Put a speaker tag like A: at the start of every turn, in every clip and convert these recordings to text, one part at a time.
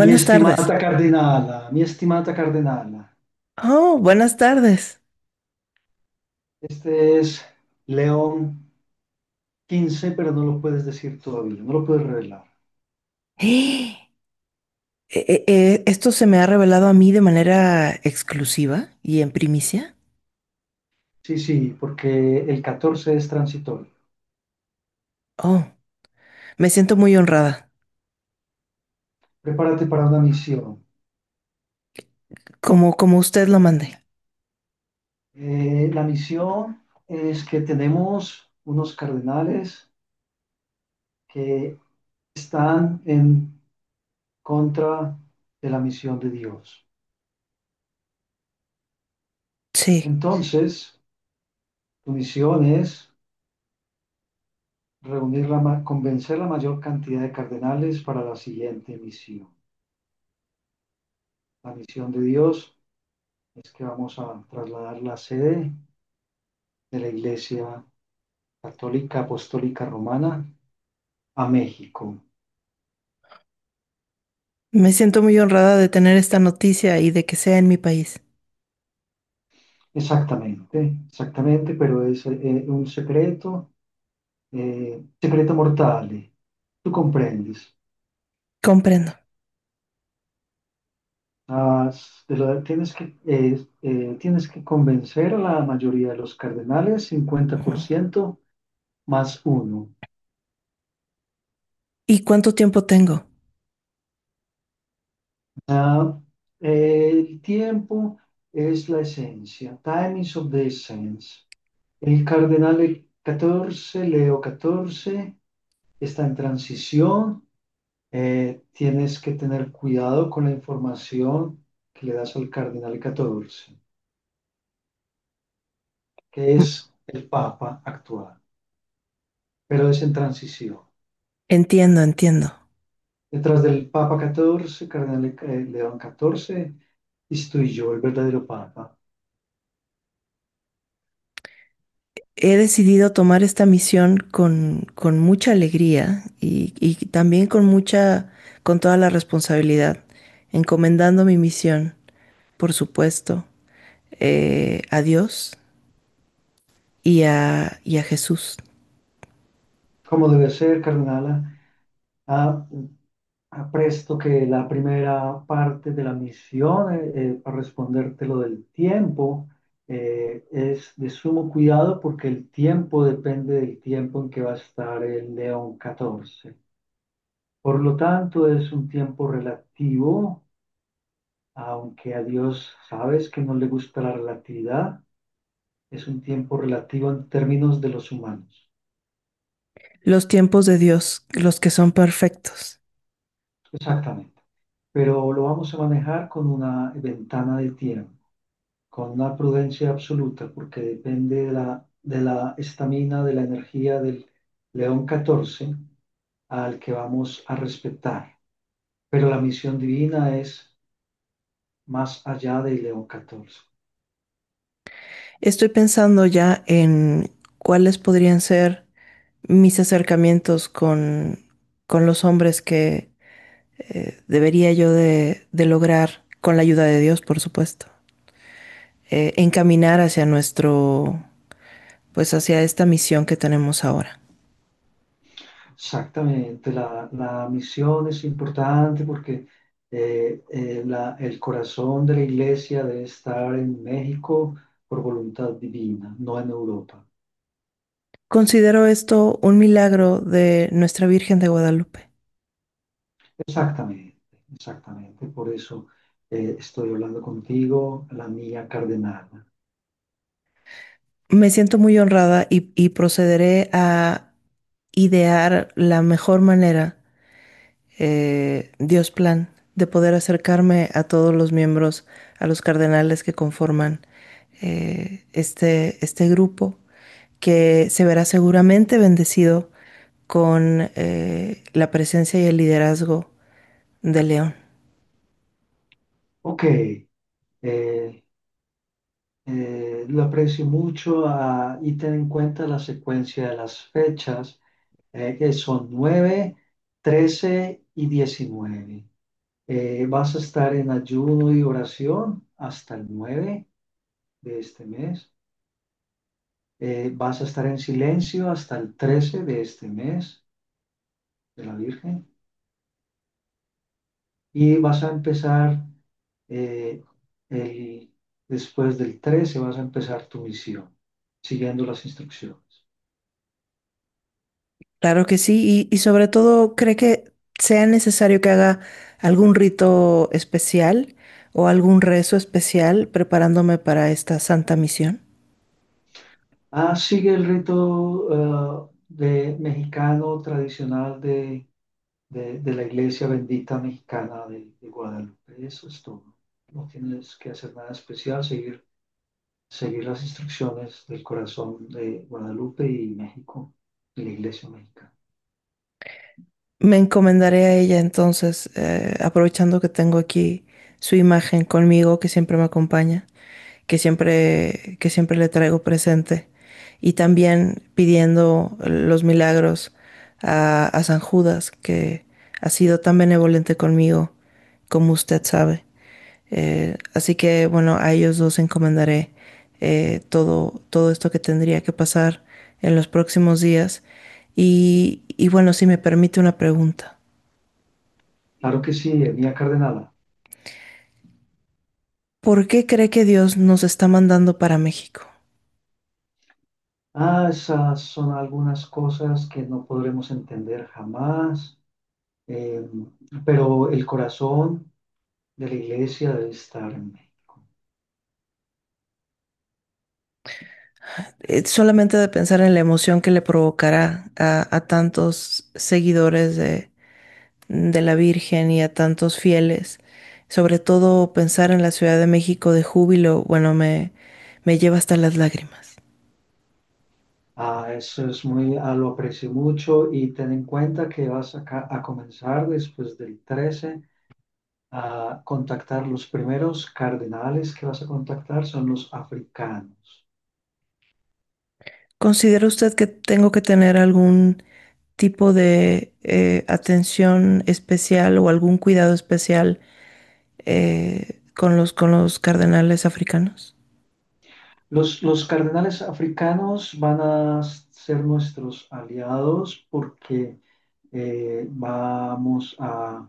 A: tardes.
B: Mi estimada cardenala,
A: Oh, buenas tardes.
B: este es León 15, pero no lo puedes decir todavía, no lo puedes revelar.
A: ¡Eh! ¿Esto se me ha revelado a mí de manera exclusiva y en primicia?
B: Sí, sí, porque el 14 es transitorio.
A: Oh, me siento muy honrada,
B: Prepárate para una misión.
A: como usted lo mande.
B: La misión es que tenemos unos cardenales que están en contra de la misión de Dios.
A: Sí,
B: Entonces, tu misión es reunir la, convencer la mayor cantidad de cardenales para la siguiente misión. La misión de Dios es que vamos a trasladar la sede de la Iglesia Católica Apostólica Romana a México.
A: me siento muy honrada de tener esta noticia y de que sea en mi país.
B: Exactamente, exactamente, pero es un secreto, secreto mortal. Tú comprendes.
A: Comprendo.
B: Ah, tienes que convencer a la mayoría de los cardenales,
A: Ujú.
B: 50% más uno.
A: ¿Y cuánto tiempo tengo?
B: Ah, el tiempo es la esencia. Time is of the essence. El cardenal 14, Leo 14, está en transición. Tienes que tener cuidado con la información que le das al cardenal 14, que
A: Mm.
B: es el Papa actual, pero es en transición.
A: Entiendo, entiendo.
B: Detrás del Papa 14, cardenal León 14, estoy yo, el verdadero Papa.
A: He decidido tomar esta misión con mucha alegría y también con mucha, con toda la responsabilidad, encomendando mi misión, por supuesto, a Dios y a Jesús.
B: ¿Cómo debe ser, cardenal? Presto que la primera parte de la misión, para responderte lo del tiempo, es de sumo cuidado porque el tiempo depende del tiempo en que va a estar el león 14. Por lo tanto, es un tiempo relativo, aunque a Dios sabes que no le gusta la relatividad, es un tiempo relativo en términos de los humanos.
A: Los tiempos de Dios, los que son perfectos.
B: Exactamente. Pero lo vamos a manejar con una ventana de tiempo, con una prudencia absoluta, porque depende de la estamina, de la energía del león 14 al que vamos a respetar. Pero la misión divina es más allá del león 14.
A: Estoy pensando ya en cuáles podrían ser mis acercamientos con los hombres que, debería yo de lograr, con la ayuda de Dios, por supuesto, encaminar hacia nuestro, pues hacia esta misión que tenemos ahora.
B: Exactamente, la misión es importante porque el corazón de la iglesia debe estar en México por voluntad divina, no en Europa.
A: Considero esto un milagro de nuestra Virgen de Guadalupe.
B: Exactamente, exactamente. Por eso estoy hablando contigo, la mía cardenal.
A: Me siento muy honrada y procederé a idear la mejor manera, Dios plan, de poder acercarme a todos los miembros, a los cardenales que conforman, este grupo, que se verá seguramente bendecido con la presencia y el liderazgo de León.
B: Ok, lo aprecio mucho, y ten en cuenta la secuencia de las fechas, que son 9, 13 y 19. Vas a estar en ayuno y oración hasta el 9 de este mes. Vas a estar en silencio hasta el 13 de este mes de la Virgen. Y vas a empezar, eh, el- después del 13 vas a empezar tu misión, siguiendo las instrucciones.
A: Claro que sí, y sobre todo cree que sea necesario que haga algún rito especial o algún rezo especial preparándome para esta santa misión.
B: Sigue el rito de mexicano tradicional de, de la iglesia bendita mexicana de Guadalupe. Eso es todo. No tienes que hacer nada especial, seguir, seguir las instrucciones del corazón de Guadalupe y México, de la iglesia mexicana.
A: Me encomendaré a ella entonces, aprovechando que tengo aquí su imagen conmigo, que siempre me acompaña, que siempre le traigo presente, y también pidiendo los milagros a San Judas, que ha sido tan benevolente conmigo, como usted sabe. Así que bueno, a ellos dos encomendaré, todo, todo esto que tendría que pasar en los próximos días. Y bueno, si me permite una pregunta.
B: Claro que sí, Mía Cardenal.
A: ¿Por qué cree que Dios nos está mandando para México?
B: Esas son algunas cosas que no podremos entender jamás, eh, pero el corazón de la iglesia debe estar en México.
A: Solamente de pensar en la emoción que le provocará a tantos seguidores de la Virgen y a tantos fieles, sobre todo pensar en la Ciudad de México de júbilo, bueno, me lleva hasta las lágrimas.
B: Eso es muy, lo aprecio mucho y ten en cuenta que vas a, a comenzar después del 13 a contactar los primeros cardenales que vas a contactar son los africanos.
A: ¿Considera usted que tengo que tener algún tipo de atención especial o algún cuidado especial con con los cardenales africanos?
B: Los cardenales africanos van a ser nuestros aliados porque vamos a,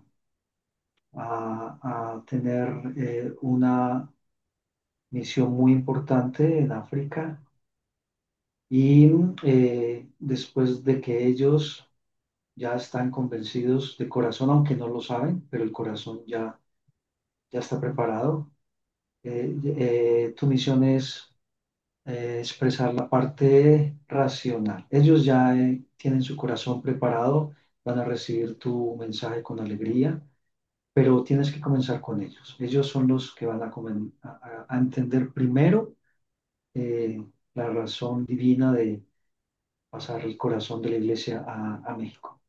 B: a- a tener una misión muy importante en África y después de que ellos ya están convencidos de corazón, aunque no lo saben, pero el corazón ya, ya está preparado, tu misión es expresar la parte racional. Ellos ya tienen su corazón preparado, van a recibir tu mensaje con alegría pero tienes que comenzar con ellos. Ellos son los que van a, a entender primero eh, la razón divina de pasar el corazón de la iglesia a México.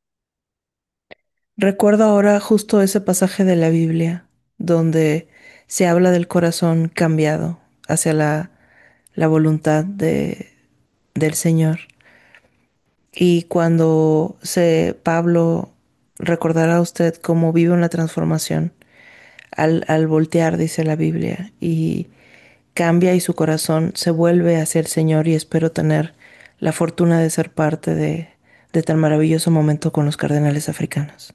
A: Recuerdo ahora justo ese pasaje de la Biblia donde se habla del corazón cambiado hacia la voluntad del Señor. Y cuando se, Pablo recordará a usted cómo vive una transformación al voltear, dice la Biblia, y cambia y su corazón se vuelve hacia el Señor, y espero tener la fortuna de ser parte de tan maravilloso momento con los cardenales africanos.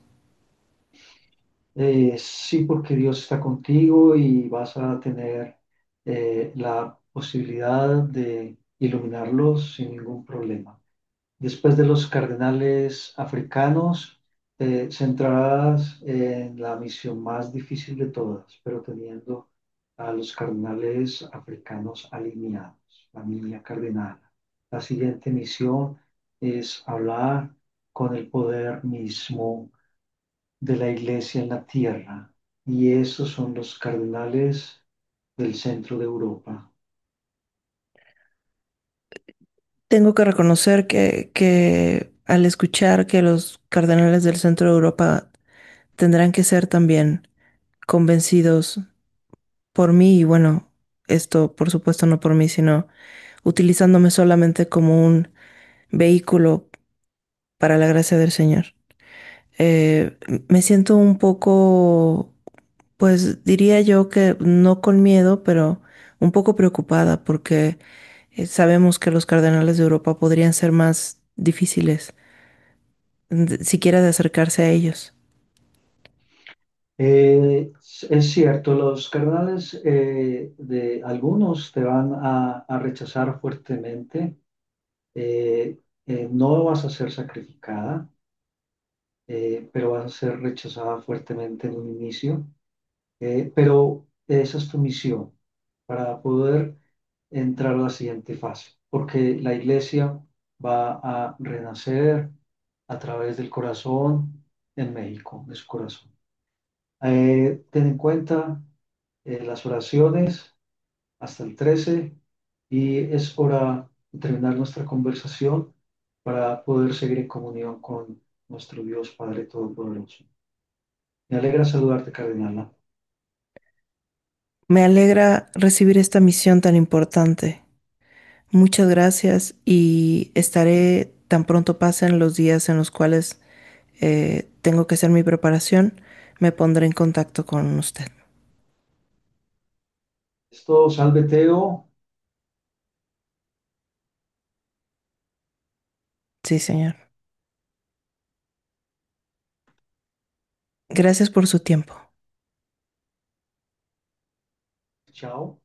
B: Sí, porque Dios está contigo y vas a tener la posibilidad de iluminarlos sin ningún problema. Después de los cardenales africanos, centradas en la misión más difícil de todas, pero teniendo a los cardenales africanos alineados, la línea cardenal. La siguiente misión es hablar con el poder mismo de la iglesia en la tierra, y esos son los cardenales del centro de Europa.
A: Tengo que reconocer que al escuchar que los cardenales del centro de Europa tendrán que ser también convencidos por mí y bueno, esto por supuesto no por mí, sino utilizándome solamente como un vehículo para la gracia del Señor. Eh, me siento un poco, pues diría yo que no con miedo, pero un poco preocupada porque sabemos que los cardenales de Europa podrían ser más difíciles, de- siquiera de acercarse a ellos.
B: Eh, es cierto, los cardenales de algunos te van a rechazar fuertemente. eh, no vas a ser sacrificada, pero vas a ser rechazada fuertemente en un inicio. Pero esa es tu misión para poder entrar a la siguiente fase, porque la iglesia va a renacer a través del corazón en México, de su corazón. Ten en cuenta las oraciones hasta el 13 y es hora de terminar nuestra conversación para poder seguir en comunión con nuestro Dios Padre Todopoderoso. Me alegra saludarte, Cardenal.
A: Me alegra recibir esta misión tan importante. Muchas gracias, y estaré tan pronto pasen los días en los cuales tengo que hacer mi preparación, me pondré en contacto con usted.
B: Esto, salve Teo.
A: Sí, señor. Gracias por su tiempo.
B: Chao.